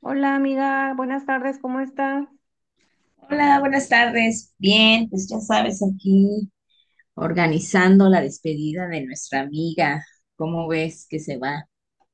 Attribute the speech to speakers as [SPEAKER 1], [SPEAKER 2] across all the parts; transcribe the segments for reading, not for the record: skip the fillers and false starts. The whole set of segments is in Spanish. [SPEAKER 1] Hola amiga, buenas tardes, ¿cómo estás?
[SPEAKER 2] Hola, buenas tardes. Bien, pues ya sabes, aquí organizando la despedida de nuestra amiga. ¿Cómo ves que se va?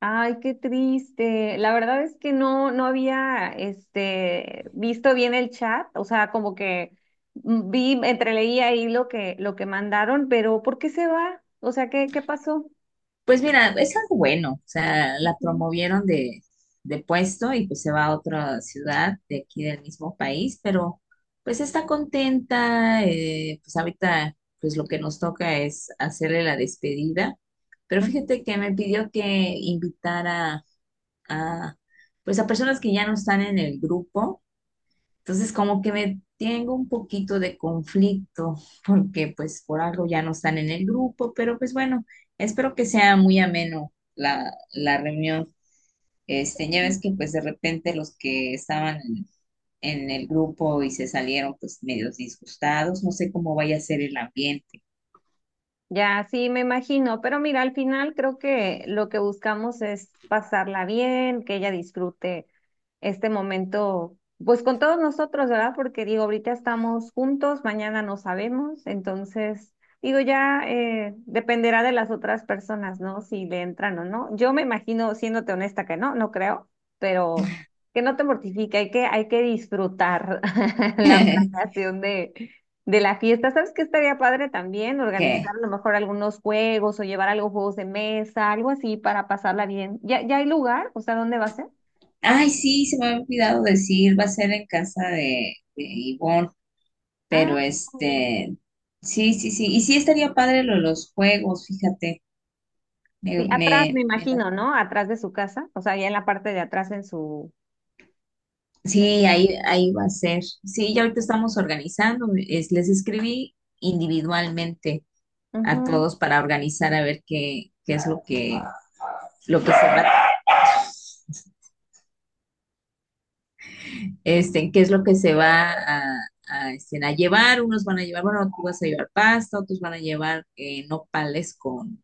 [SPEAKER 1] Ay, qué triste. La verdad es que no había visto bien el chat, o sea, como que vi, entreleí ahí lo que mandaron, pero ¿por qué se va? O sea, ¿ qué pasó?
[SPEAKER 2] Pues mira, es algo bueno. O sea, la
[SPEAKER 1] Ujú.
[SPEAKER 2] promovieron de puesto y pues se va a otra ciudad de aquí del mismo país, pero pues está contenta. Pues ahorita, pues lo que nos toca es hacerle la despedida. Pero fíjate que me pidió que invitara a, pues a personas que ya no están en el grupo. Entonces, como que me tengo un poquito de conflicto, porque pues por algo ya no están en el grupo, pero pues bueno, espero que sea muy ameno la reunión. Ya ves que pues de repente los que estaban en el grupo y se salieron pues medios disgustados, no sé cómo vaya a ser el ambiente.
[SPEAKER 1] Ya, sí, me imagino, pero mira, al final creo que lo que buscamos es pasarla bien, que ella disfrute este momento, pues con todos nosotros, ¿verdad? Porque digo, ahorita estamos juntos, mañana no sabemos, entonces, digo, ya dependerá de las otras personas, ¿no? Si le entran o no. Yo me imagino, siéndote honesta, que no creo, pero que no te mortifique, hay que disfrutar la planeación de la fiesta. ¿Sabes qué estaría padre también? Organizar
[SPEAKER 2] ¿Qué?
[SPEAKER 1] a lo mejor algunos juegos o llevar algo, juegos de mesa, algo así para pasarla bien. ¿ ya hay lugar? O sea, ¿dónde va a ser?
[SPEAKER 2] Ay, sí, se me había olvidado decir, va a ser en casa de Ivonne,
[SPEAKER 1] Ah,
[SPEAKER 2] pero
[SPEAKER 1] claro.
[SPEAKER 2] sí, sí, sí, y sí estaría padre lo de los juegos, fíjate. Me,
[SPEAKER 1] Sí, atrás me
[SPEAKER 2] me- me
[SPEAKER 1] imagino,
[SPEAKER 2] la-
[SPEAKER 1] ¿no? Atrás de su casa, o sea, ya en la parte de atrás en su... en-
[SPEAKER 2] sí, ahí va a ser. Sí, ya ahorita estamos organizando. Les escribí individualmente a
[SPEAKER 1] Ujú.
[SPEAKER 2] todos para organizar a ver qué es lo que se va, qué es lo que se va a llevar. Unos van a llevar, bueno, tú vas a llevar pasta, otros van a llevar nopales con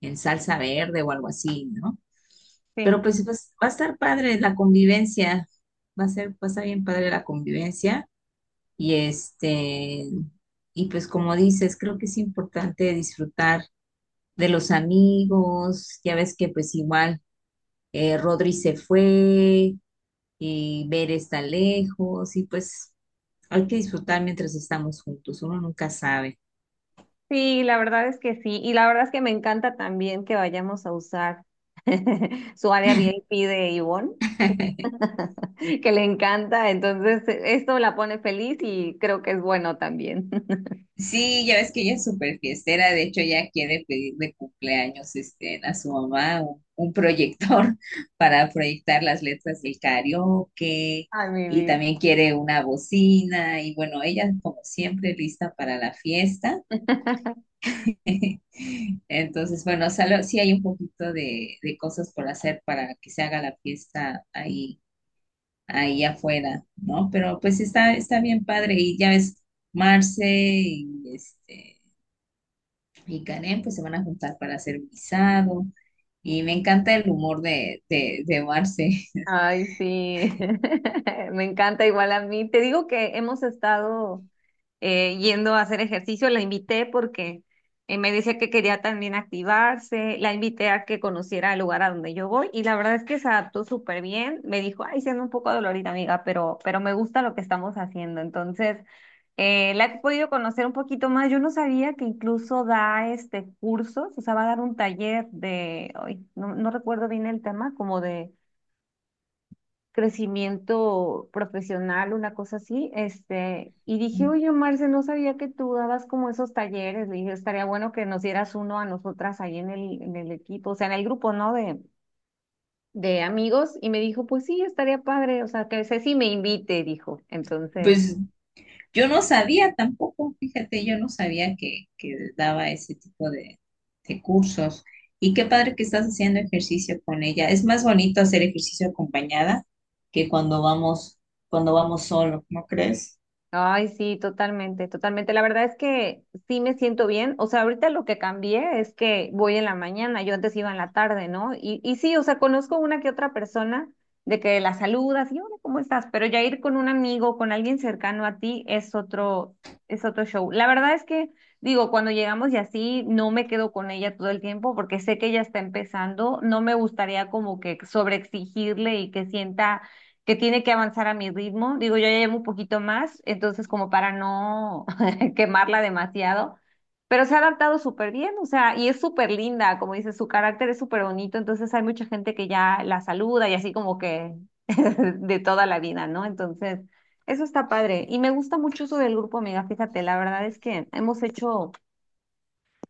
[SPEAKER 2] en salsa verde o algo así, ¿no? Pero
[SPEAKER 1] Sí,
[SPEAKER 2] pues, va a estar padre la convivencia. Va a ser, va a estar bien padre la convivencia. Y este, y pues como dices, creo que es importante disfrutar de los amigos, ya ves que pues igual Rodri se fue y Ver está lejos y pues hay que disfrutar mientras estamos juntos, uno nunca sabe.
[SPEAKER 1] sí, la verdad es que sí. Y la verdad es que me encanta también que vayamos a usar su área VIP de Ivonne que le encanta, entonces esto la pone feliz y creo que es bueno también.
[SPEAKER 2] Sí, ya ves que ella es súper fiestera, de hecho ella quiere pedir de cumpleaños a su mamá un proyector para proyectar las letras del karaoke
[SPEAKER 1] Ay, mi
[SPEAKER 2] y
[SPEAKER 1] vida.
[SPEAKER 2] también quiere una bocina y bueno, ella como siempre lista para la fiesta. Entonces, bueno, sí hay un poquito de cosas por hacer para que se haga la fiesta ahí, ahí afuera, ¿no? Pero pues está bien padre y ya ves, Marce y Karen pues se van a juntar para hacer guisado y me encanta el humor de Marce.
[SPEAKER 1] Ay, sí, me encanta igual a mí. Te digo que hemos estado yendo a hacer ejercicio, la invité porque me decía que quería también activarse, la invité a que conociera el lugar a donde yo voy y la verdad es que se adaptó súper bien. Me dijo, ay, siendo un poco dolorida, amiga, pero me gusta lo que estamos haciendo. Entonces, la he podido conocer un poquito más. Yo no sabía que incluso da este cursos, o sea, va a dar un taller de, ay, no recuerdo bien el tema, como de crecimiento profesional, una cosa así, este, y dije, oye, Marce, no sabía que tú dabas como esos talleres, le dije, estaría bueno que nos dieras uno a nosotras ahí en el equipo, o sea, en el grupo, ¿no? De amigos, y me dijo, pues sí, estaría padre, o sea, que Ceci me invite, dijo, entonces,
[SPEAKER 2] Pues yo no sabía tampoco, fíjate, yo no sabía que daba ese tipo de cursos. Y qué padre que estás haciendo ejercicio con ella. Es más bonito hacer ejercicio acompañada que cuando vamos solo, ¿no crees?
[SPEAKER 1] Ay, sí, totalmente, totalmente. La verdad es que sí me siento bien. O sea, ahorita lo que cambié es que voy en la mañana, yo antes iba en la tarde, ¿no? Y sí, o sea, conozco una que otra persona de que la saludas y hola, ¿cómo estás? Pero ya ir con un amigo, con alguien cercano a ti es otro show. La verdad es que, digo, cuando llegamos y así, no me quedo con ella todo el tiempo porque sé que ella está empezando. No me gustaría como que sobreexigirle y que sienta que tiene que avanzar a mi ritmo. Digo, yo ya llevo un poquito más, entonces como para no quemarla demasiado, pero se ha adaptado súper bien, o sea, y es súper linda, como dices, su carácter es súper bonito, entonces hay mucha gente que ya la saluda y así como que de toda la vida, ¿no? Entonces, eso está padre. Y me gusta mucho eso del grupo, amiga, fíjate, la verdad es que hemos hecho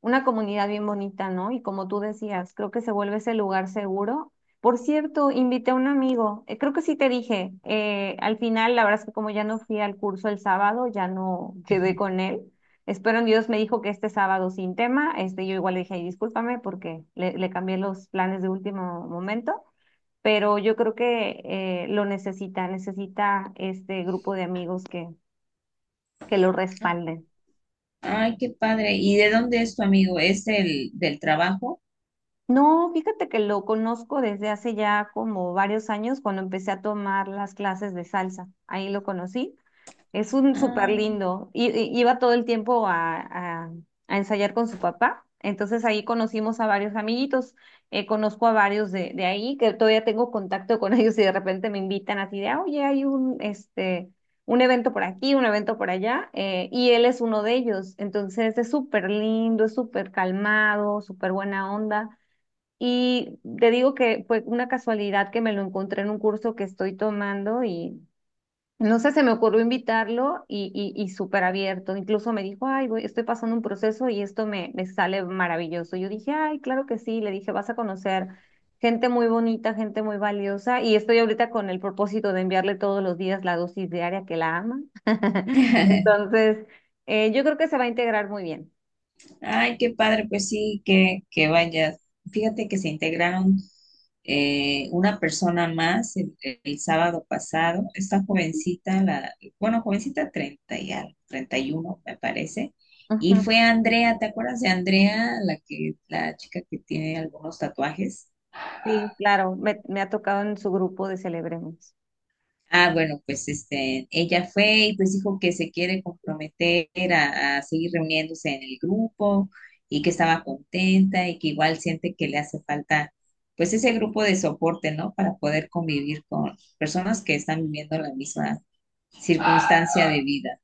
[SPEAKER 1] una comunidad bien bonita, ¿no? Y como tú decías, creo que se vuelve ese lugar seguro. Por cierto, invité a un amigo, creo que sí te dije, al final la verdad es que como ya no fui al curso el sábado, ya no quedé con él. Espero en Dios me dijo que este sábado sin tema, este, yo igual le dije, "Ay, discúlpame porque le cambié los planes de último momento, pero yo creo que lo necesita, necesita este grupo de amigos que lo respalden.
[SPEAKER 2] Ay, qué padre. ¿Y de dónde es tu amigo? ¿Es el del trabajo?
[SPEAKER 1] No, fíjate que lo conozco desde hace ya como varios años cuando empecé a tomar las clases de salsa. Ahí lo conocí. Es un súper
[SPEAKER 2] Ah.
[SPEAKER 1] lindo. Iba todo el tiempo a ensayar con su papá. Entonces ahí conocimos a varios amiguitos. Conozco a varios de ahí que todavía tengo contacto con ellos y de repente me invitan así de, "Ah, oye, hay un, este, un evento por aquí, un evento por allá. Eh, y él es uno de ellos. Entonces es súper lindo, es súper calmado, súper buena onda. Y te digo que fue una casualidad que me lo encontré en un curso que estoy tomando y no sé, se me ocurrió invitarlo y súper abierto. Incluso me dijo, ay, voy, estoy pasando un proceso y esto me sale maravilloso. Yo dije, ay, claro que sí. Le dije, vas a conocer gente muy bonita, gente muy valiosa. Y estoy ahorita con el propósito de enviarle todos los días la dosis diaria que la ama. Entonces, yo creo que se va a integrar muy bien.
[SPEAKER 2] Ay, qué padre, pues sí, que vayas. Fíjate que se integraron una persona más el sábado pasado, esta jovencita, bueno, jovencita 30 y algo, 31 me parece, y
[SPEAKER 1] Ujú.
[SPEAKER 2] fue Andrea, ¿te acuerdas de Andrea, la chica que tiene algunos tatuajes?
[SPEAKER 1] Sí, claro, me ha tocado en su grupo de Celebremos.
[SPEAKER 2] Ah, bueno, pues ella fue y pues dijo que se quiere comprometer a seguir reuniéndose en el grupo y que estaba contenta y que igual siente que le hace falta pues ese grupo de soporte, ¿no? Para poder convivir con personas que están viviendo la misma circunstancia de vida.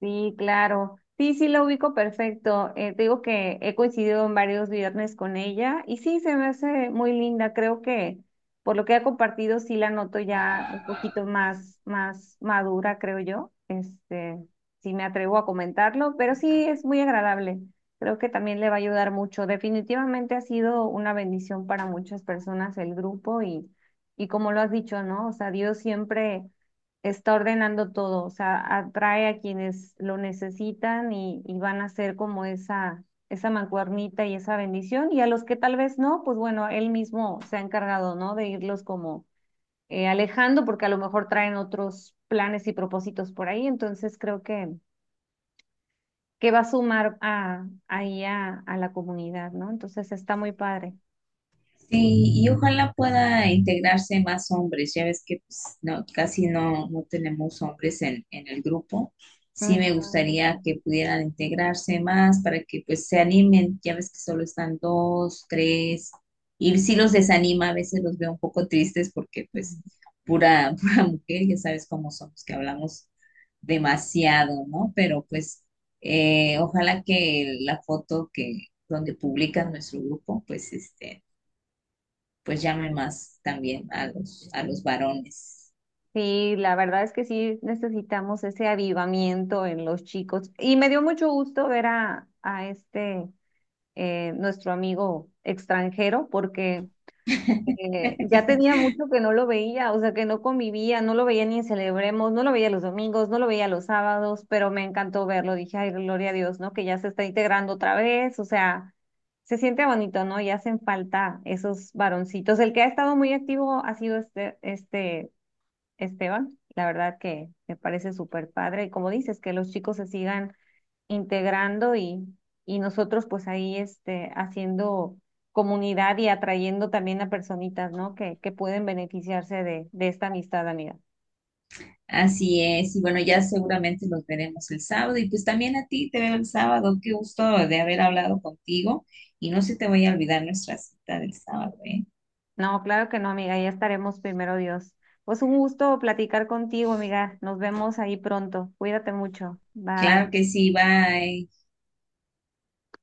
[SPEAKER 1] Sí, claro. Sí, sí, la ubico perfecto. Te digo que he coincidido en varios viernes con ella y sí, se me hace muy linda. Creo que por lo que ha compartido, sí la noto ya un poquito más, más madura, creo yo. Este, sí me atrevo a comentarlo, pero sí es muy agradable. Creo que también le va a ayudar mucho. Definitivamente ha sido una bendición para muchas personas el grupo y como lo has dicho, ¿no? O sea, Dios siempre está ordenando todo, o sea, atrae a quienes lo necesitan y van a ser como esa mancuernita y esa bendición, y a los que tal vez no, pues bueno, él mismo se ha encargado, ¿no? De irlos como alejando, porque a lo mejor traen otros planes y propósitos por ahí, entonces creo que va a sumar ahí a la comunidad, ¿no? Entonces está muy padre.
[SPEAKER 2] Sí, y ojalá pueda integrarse más hombres. Ya ves que pues, no, casi no tenemos hombres en el grupo. Sí me gustaría que pudieran integrarse más para que pues se animen. Ya ves que solo están dos, tres. Y sí los desanima, a veces los veo un poco tristes porque pues
[SPEAKER 1] Ujú.
[SPEAKER 2] pura, pura mujer, ya sabes cómo somos, que hablamos demasiado, ¿no? Pero pues ojalá que la foto que donde publican nuestro grupo, pues este pues llame más también a los varones.
[SPEAKER 1] Sí, la verdad es que sí necesitamos ese avivamiento en los chicos. Y me dio mucho gusto ver a este, nuestro amigo extranjero, porque ya tenía mucho que no lo veía, o sea, que no convivía, no lo veía ni en Celebremos, no lo veía los domingos, no lo veía los sábados, pero me encantó verlo. Dije, ay, gloria a Dios, ¿no? Que ya se está integrando otra vez, o sea, se siente bonito, ¿no? Y hacen falta esos varoncitos. El que ha estado muy activo ha sido este Esteban. La verdad que me parece súper padre. Y como dices, que los chicos se sigan integrando y nosotros pues ahí este, haciendo comunidad y atrayendo también a personitas, ¿no? Que pueden beneficiarse de esta amistad, amiga.
[SPEAKER 2] Así es, y bueno, ya seguramente los veremos el sábado y pues también a ti te veo el sábado. Qué gusto de haber hablado contigo y no se te vaya a olvidar nuestra cita del sábado, ¿eh?
[SPEAKER 1] No, claro que no, amiga. Ya estaremos primero, Dios. Pues un gusto platicar contigo, amiga. Nos vemos ahí pronto. Cuídate mucho. Bye.
[SPEAKER 2] Claro que sí, bye.